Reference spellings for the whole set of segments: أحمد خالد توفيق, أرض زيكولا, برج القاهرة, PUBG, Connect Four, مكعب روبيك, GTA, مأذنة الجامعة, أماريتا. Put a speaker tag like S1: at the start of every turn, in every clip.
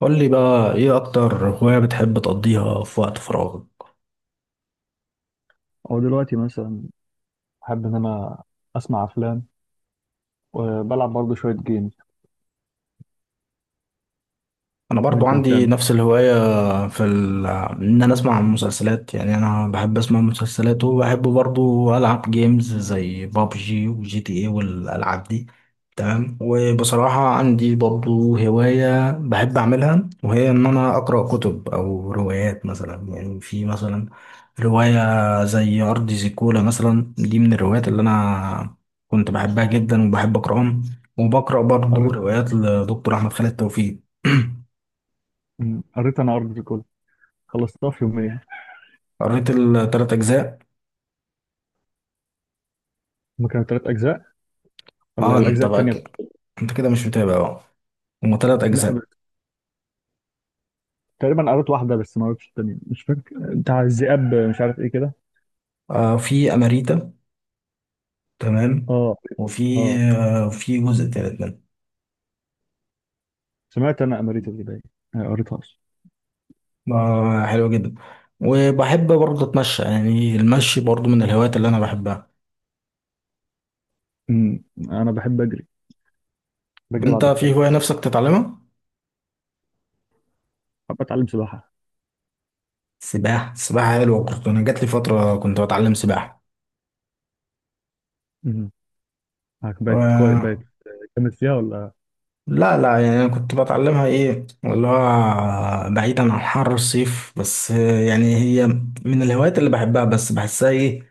S1: قول لي بقى ايه اكتر هواية بتحب تقضيها في وقت فراغك؟
S2: او دلوقتي مثلا. بحب ان انا اسمع افلام وبلعب برضه شويه جيمز.
S1: انا برضو
S2: وانت
S1: عندي
S2: بتعمل؟
S1: نفس الهواية. ان انا اسمع مسلسلات، يعني انا بحب اسمع مسلسلات، وبحب برضو العب جيمز زي بابجي وجي تي اي والالعاب دي. تمام. وبصراحة عندي برضو هواية بحب اعملها، وهي ان انا اقرأ كتب او روايات، مثلا يعني في مثلا رواية زي ارض زيكولا، مثلا دي من الروايات اللي انا كنت بحبها جدا وبحب اقرأهم، وبقرأ برضو
S2: قريت.
S1: روايات لدكتور احمد خالد توفيق.
S2: قريت انا ارض الكل، خلصتها في يومين يعني.
S1: قريت التلات أجزاء.
S2: ما كانوا ثلاث اجزاء ولا
S1: اه، انت
S2: الاجزاء
S1: بقى
S2: الثانيه؟
S1: كده، انت كده مش متابع بقى. هما تلات
S2: لا،
S1: أجزاء.
S2: تقريبا قريت واحده بس ما قريتش الثانيه. مش فاكر بتاع الذئاب، مش عارف ايه كده.
S1: آه، في أماريتا. تمام.
S2: اه،
S1: وفي
S2: اه.
S1: آه في جزء تالت منه.
S2: سمعت انا اماريتا دي باين. آه، قريتهاش.
S1: آه، حلو جدا. وبحب برضه أتمشى، يعني المشي برضه من الهوايات اللي أنا بحبها.
S2: م، انا بحب اجري.
S1: طب
S2: بجري
S1: انت
S2: بعد
S1: في هواية
S2: الفجر.
S1: نفسك تتعلمها؟
S2: بحب اتعلم سباحه.
S1: سباحة. السباحة حلوة، أنا جات لي فترة كنت بتعلم سباحة.
S2: م، بقت كويس
S1: آه،
S2: بقت. جامد فيها ولا؟
S1: لا لا، يعني انا كنت بتعلمها ايه اللي هو بعيدا عن حر الصيف، بس يعني هي من الهوايات اللي بحبها، بس بحسها ايه،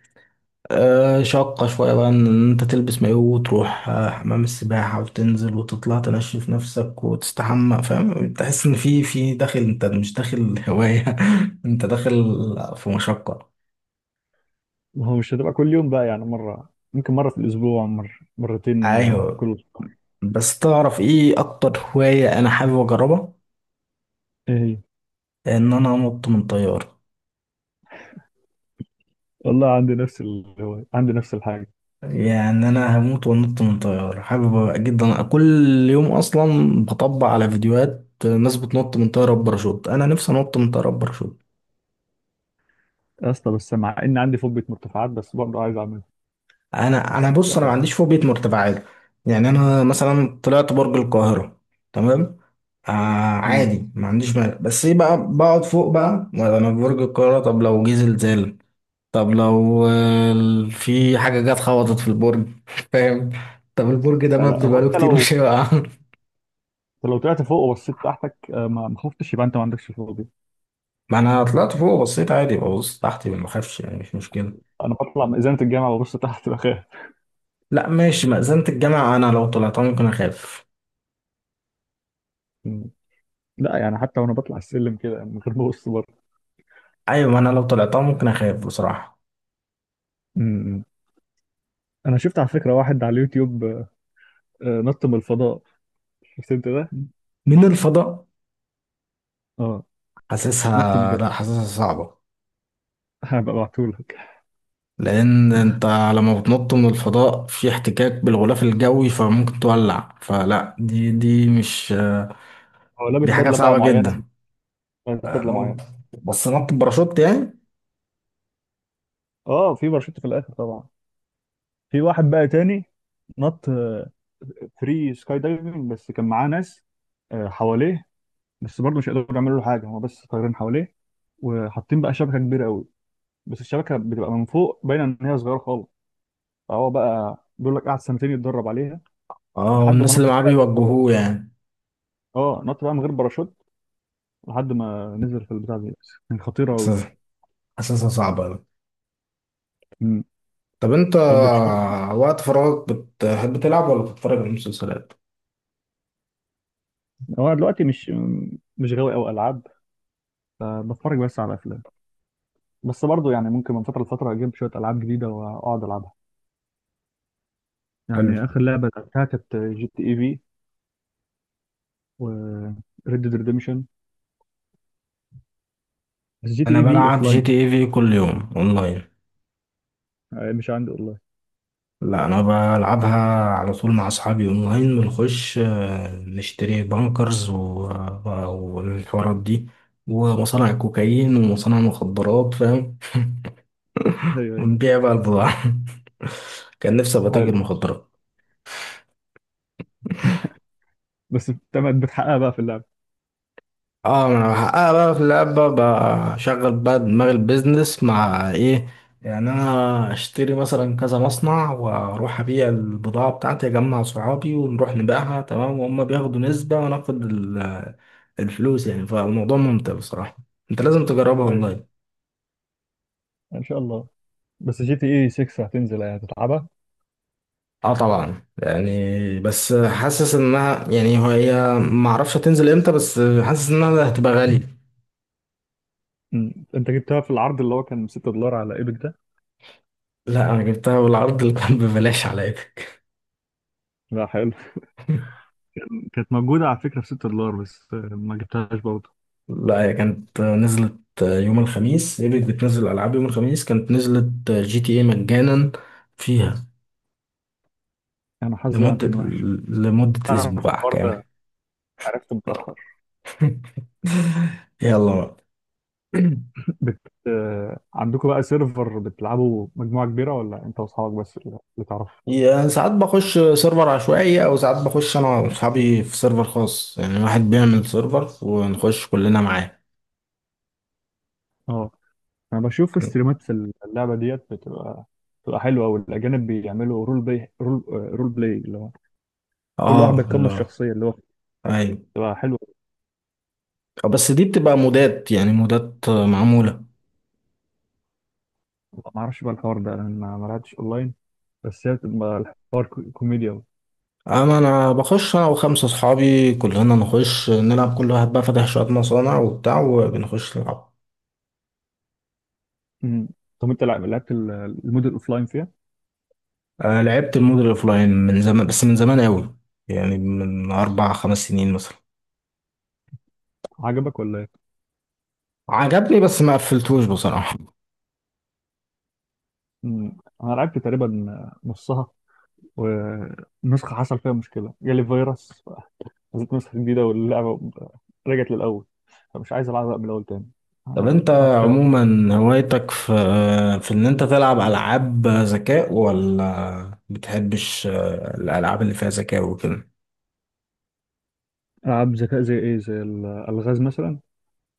S1: آه شاقة شوية بقى ان انت تلبس مايو وتروح حمام السباحة وتنزل وتطلع تنشف نفسك وتستحمى، فاهم، تحس ان في داخل، انت مش داخل هواية، انت داخل في مشقة.
S2: ما هو مش هتبقى كل يوم بقى، يعني مرة، ممكن مرة في الأسبوع، مرة مرتين
S1: ايوه.
S2: كل أسبوع.
S1: بس تعرف ايه اكتر هواية انا حابب اجربها؟
S2: إيه هي؟
S1: ان انا انط من طيارة.
S2: والله عندي نفس الهواية، عندي نفس الحاجة.
S1: يعني انا هموت وانط من طيارة، حابب جدا. أنا كل يوم اصلا بطبع على فيديوهات ناس بتنط من طيارة بباراشوت، انا نفسي انط من طيارة بباراشوت.
S2: يا اسطى، بس مع إن عندي فوبيا مرتفعات بس برضه عايز أعملها.
S1: انا بص، انا ما
S2: ف-
S1: عنديش فوبيا مرتفعات، يعني انا مثلا طلعت برج القاهرة. تمام. آه
S2: مم.
S1: عادي، ما عنديش مانع، بس ايه بقى، بقعد فوق بقى انا في برج القاهرة، طب لو جه زلزال، طب لو في حاجة جت خبطت في البرج، فاهم. طب البرج ده
S2: لا لا،
S1: مبني
S2: هو
S1: بقاله
S2: أنت
S1: كتير،
S2: لو
S1: مش هيقع.
S2: أنت لو طلعت فوق وبصيت تحتك، ما خفتش، يبقى أنت ما عندكش فوبيا.
S1: ما انا طلعت فوق، بصيت عادي، ببص تحتي ما بخافش، يعني مش مشكله.
S2: أنا بطلع من إزالة الجامعة وببص تحت بخاف.
S1: لا ماشي، مأذنة الجامعه انا لو طلعتها ممكن اخاف.
S2: مم. لا، يعني حتى وأنا بطلع السلم كده من غير ما أبص بره.
S1: ايوه، ما انا لو طلعتها ممكن اخاف بصراحه.
S2: مم. أنا شفت على فكرة واحد على اليوتيوب نط من الفضاء. شفت أنت ده؟
S1: من الفضاء؟
S2: أه. نط
S1: حاسسها،
S2: من
S1: لا حاسسها صعبه.
S2: هبقى ابعتهولك.
S1: لان انت لما بتنط من الفضاء في احتكاك بالغلاف الجوي، فممكن تولع، فلا دي دي مش
S2: هو لابس
S1: دي حاجه
S2: بدله بقى
S1: صعبه
S2: معينه،
S1: جدا.
S2: لابس
S1: آه،
S2: بدله معينه.
S1: ممكن، بس نط باراشوت يعني.
S2: اه، في باراشوت في الاخر طبعا. في واحد بقى تاني نط فري سكاي دايفنج، بس كان معاه ناس حواليه. بس برضه مش قادروا يعملوا له حاجه، هو بس طايرين حواليه وحاطين بقى شبكه كبيره قوي. بس الشبكه بتبقى من فوق باينه ان هي صغيره خالص. فهو بقى بيقول لك قعد سنتين يتدرب عليها
S1: اه،
S2: لحد ما
S1: والناس اللي
S2: نط
S1: معاه
S2: فعلا من غير-
S1: بيوجهوه يعني.
S2: اه، نط بقى من غير باراشوت لحد ما نزل في البتاع دي. بس كانت خطيره قوي.
S1: حاسسها حاسسها صعبه.
S2: مم.
S1: طب انت
S2: طب بتشوف،
S1: وقت فراغك بتحب تلعب ولا بتتفرج على المسلسلات؟
S2: هو دلوقتي مش غاوي قوي العاب، فبتفرج بس على افلام. بس برضو يعني ممكن من فتره لفتره اجيب شويه العاب جديده واقعد العبها.
S1: حلو.
S2: يعني اخر لعبه لعبتها كانت جي تي اي في و ريد ديد ريديمشن. بس جي تي
S1: انا
S2: اي في
S1: بلعب
S2: اوف لاين.
S1: جي تي اي في كل يوم اونلاين.
S2: مش عندي اونلاين.
S1: لا انا بلعبها على طول مع اصحابي اونلاين، بنخش نشتري بانكرز و- والحوارات دي، ومصانع كوكايين ومصانع مخدرات، فاهم،
S2: ايوه، ايوه.
S1: ونبيع بقى البضاعة. كان نفسي ابقى
S2: حلو.
S1: تاجر مخدرات.
S2: بس تمام، بتحققها بقى في اللعبه.
S1: اه، ما انا بحققها بقى في اللعبة، بشغل بقى دماغ البيزنس مع ايه، يعني انا اشتري مثلا كذا مصنع واروح ابيع البضاعة بتاعتي، اجمع صحابي ونروح نبيعها، تمام، وهم بياخدوا نسبة وانا اخد الفلوس، يعني فالموضوع ممتع بصراحة، انت لازم تجربها
S2: ايوه،
S1: اونلاين.
S2: ان شاء الله. بس جي تي اي 6 هتنزل يعني هتتعبها.
S1: اه طبعا، يعني بس حاسس انها، يعني هي ما اعرفش هتنزل امتى، بس حاسس انها هتبقى غالية.
S2: أمم. انت جبتها في العرض اللي هو كان $6 على ايبك ده؟
S1: لا انا جبتها بالعرض اللي كان ببلاش عليا.
S2: لا، حلو. كانت موجوده على فكره ب $6 بس ما جبتهاش برضه.
S1: لا هي كانت نزلت يوم الخميس، ايبك بتنزل العاب يوم الخميس، كانت نزلت جي تي اي مجانا فيها
S2: انا حظي بقى
S1: لمدة
S2: كان وحش.
S1: لمدة
S2: تعرف
S1: اسبوع
S2: الحوار
S1: كامل.
S2: ده؟ عرفته متاخر.
S1: يلا بقى.
S2: بت... عندكم بقى سيرفر بتلعبوا مجموعة كبيرة، ولا انت واصحابك بس اللي تعرف؟
S1: يعني ساعات بخش سيرفر عشوائي، او ساعات بخش انا واصحابي في سيرفر خاص، يعني واحد بيعمل سيرفر ونخش كلنا معاه.
S2: اه. انا بشوف استريمات في اللعبة ديت، بتبقى حلوة أوي. الأجانب بيعملوا رول بلاي اللي هو كل واحد
S1: اه
S2: بيتقمص
S1: لا.
S2: شخصية اللي هو
S1: ايوه،
S2: بتبقى حلوة.
S1: بس دي بتبقى مودات، يعني مودات معمولة.
S2: ما اعرفش بقى الحوار ده، انا ما لعبتش اونلاين. بس هي بتبقى الحوار كوميديا أوي.
S1: أما أنا بخش أنا وخمسة أصحابي، كلنا نخش نلعب، كل واحد بقى فاتح شوية مصانع وبتاع، وبنخش نلعب.
S2: أمم. طب انت لعبت المود الاوفلاين فيها؟
S1: آه لعبت المود الأوفلاين من زمان، بس من زمان أوي، يعني من 4 5 سنين مثلا.
S2: عجبك ولا ايه؟
S1: عجبني بس ما قفلتوش بصراحة.
S2: أمم. انا لعبت تقريبا نصها، ونسخة حصل فيها مشكلة، جالي فيروس، نزلت نسخة جديدة واللعبة رجعت للأول، فمش عايز ألعبها من الأول تاني.
S1: طب
S2: أنا
S1: أنت
S2: قطعت فيها.
S1: عموما هوايتك في إن أنت تلعب ألعاب ذكاء، ولا بتحبش الألعاب اللي فيها ذكاء وكده؟
S2: ألعاب ذكاء زي إيه؟ زي الألغاز مثلا؟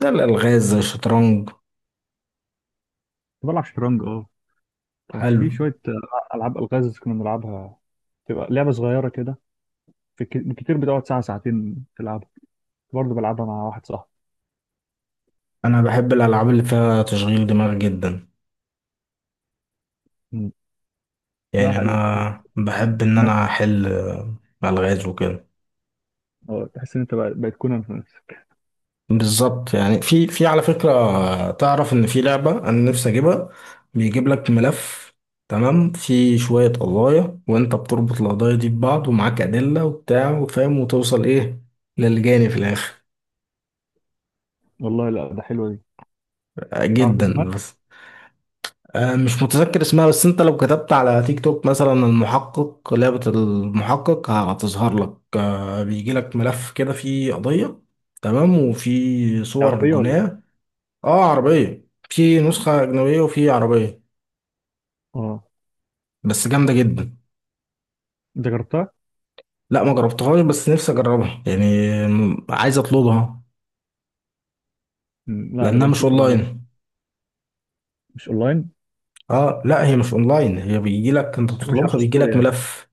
S1: ده الألغاز زي الشطرنج.
S2: كنت بلعب شطرنج، أه. كان
S1: حلو.
S2: في شوية ألعاب ألغاز كنا بنلعبها. تبقى لعبة صغيرة كده. في كتير بتقعد ساعة ساعتين تلعبها. كنت برضه بلعبها مع واحد صاحبي.
S1: أنا بحب الألعاب اللي فيها تشغيل دماغ جدا،
S2: مم. لا،
S1: يعني
S2: حلو، لا.
S1: انا بحب ان
S2: نفس.
S1: انا احل الغاز وكده.
S2: تحس إن أنت بقيت كونان في نفسك.
S1: بالظبط، يعني في، على فكره، تعرف ان في لعبه انا نفسي اجيبها. بيجيب لك ملف، تمام، في شويه قضايا، وانت بتربط القضايا دي ببعض، ومعاك ادله وبتاع، وفاهم، وتوصل ايه للجاني في الاخر.
S2: والله لا، ده حلوة دي.
S1: آه،
S2: تعرف
S1: جدا،
S2: اسمها؟
S1: بس مش متذكر اسمها، بس انت لو كتبت على تيك توك مثلا المحقق، لعبة المحقق، هتظهر لك، بيجي لك ملف كده فيه قضية، تمام، وفي صور
S2: عربية ولا إيه؟
S1: الجناة. اه عربية، في نسخة أجنبية وفي عربية،
S2: أه.
S1: بس جامدة جدا.
S2: أنت جربتها؟
S1: لا ما جربتهاش بس نفسي أجربها يعني، عايز أطلبها.
S2: مم. لا،
S1: لأنها
S2: نبقى
S1: مش
S2: نشوفها بعدين.
S1: أونلاين.
S2: مش أونلاين؟
S1: اه لا، هي مش أونلاين، هي بيجي لك انت
S2: مش
S1: تطلبها،
S2: على
S1: بيجي
S2: ستوري
S1: لك
S2: يعني؟
S1: ملف.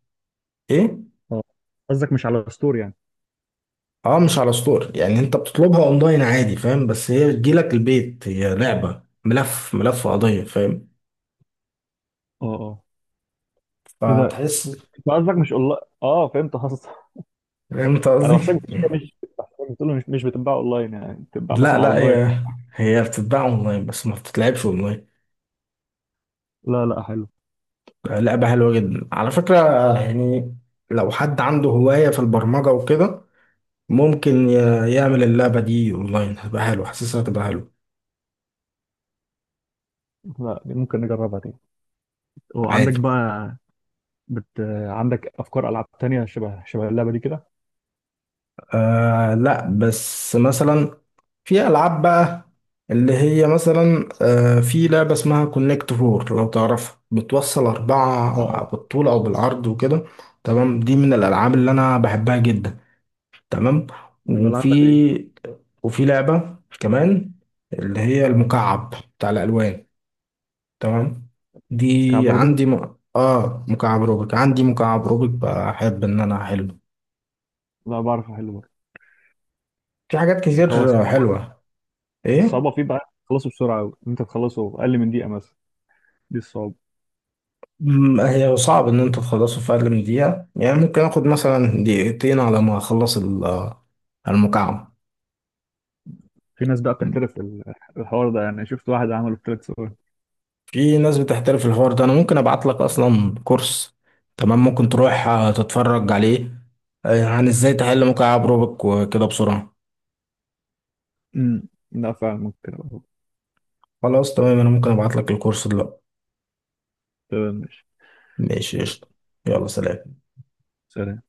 S1: ايه.
S2: اه. قصدك مش على ستور يعني.
S1: اه مش على ستور، يعني انت بتطلبها اونلاين عادي، فاهم، بس هي بتجيلك البيت، هي لعبة ملف، ملف قضية، فاهم.
S2: اه، اه. ايه ده؟ انت
S1: فتحس.
S2: قصدك مش اونلاين، اه فهمت قصدك.
S1: فهمت
S2: انا
S1: قصدي.
S2: بحسك بتقول مش بحسك بتقول مش بتتباع اونلاين، يعني بتتباع
S1: لا
S2: مثلا على
S1: لا،
S2: درايف.
S1: هي بتتباع اونلاين بس ما بتتلعبش اونلاين،
S2: لا لا، حلو.
S1: لعبة حلوة جدا على فكرة، يعني لو حد عنده هواية في البرمجة وكده ممكن يعمل اللعبة دي اونلاين، هتبقى حلوة، حاسسها هتبقى حلوة.
S2: لا، دي ممكن نجربها تاني. وعندك
S1: عادي.
S2: بقى، بت... عندك افكار العاب تانية شبه اللعبة دي كده؟
S1: آه لا، بس مثلا في ألعاب بقى، اللي هي مثلا في لعبة اسمها كونكت فور لو تعرفها، بتوصل
S2: اه
S1: أربعة
S2: اه،
S1: بالطول أو بالعرض وكده. تمام. دي من الألعاب اللي أنا بحبها جدا. تمام.
S2: بلعبها دي.
S1: وفي وفي لعبة كمان، اللي هي
S2: اه،
S1: المكعب بتاع الألوان، تمام،
S2: كعب
S1: دي
S2: روبوت.
S1: عندي م... آه مكعب روبيك، عندي مكعب روبيك بحب إن أنا أحله.
S2: لا، بعرف احل برضه.
S1: في حاجات
S2: هو الصع-
S1: كتير حلوة. إيه.
S2: الصعوبه فيه بقى، تخلصه بسرعه قوي، انت تخلصه اقل من دقيقه مثلا. دي الصعوبه.
S1: هي صعب ان انتوا تخلصوا في اقل من دقيقة، يعني ممكن اخد مثلا دقيقتين على ما اخلص المكعب.
S2: في ناس بقى بتحترف الحوار ده، يعني شفت واحد عمله في 3 ثواني.
S1: في ناس بتحترف الحوار ده، انا ممكن ابعت لك اصلا كورس، تمام، ممكن تروح تتفرج عليه، عن ازاي تحل مكعب روبك وكده بسرعة.
S2: لا، فاهمك.
S1: خلاص تمام، انا ممكن ابعت لك الكورس دلوقتي.
S2: تمام، ماشي.
S1: ماشي
S2: يلا،
S1: قشطة. يلا سلام.
S2: سلام.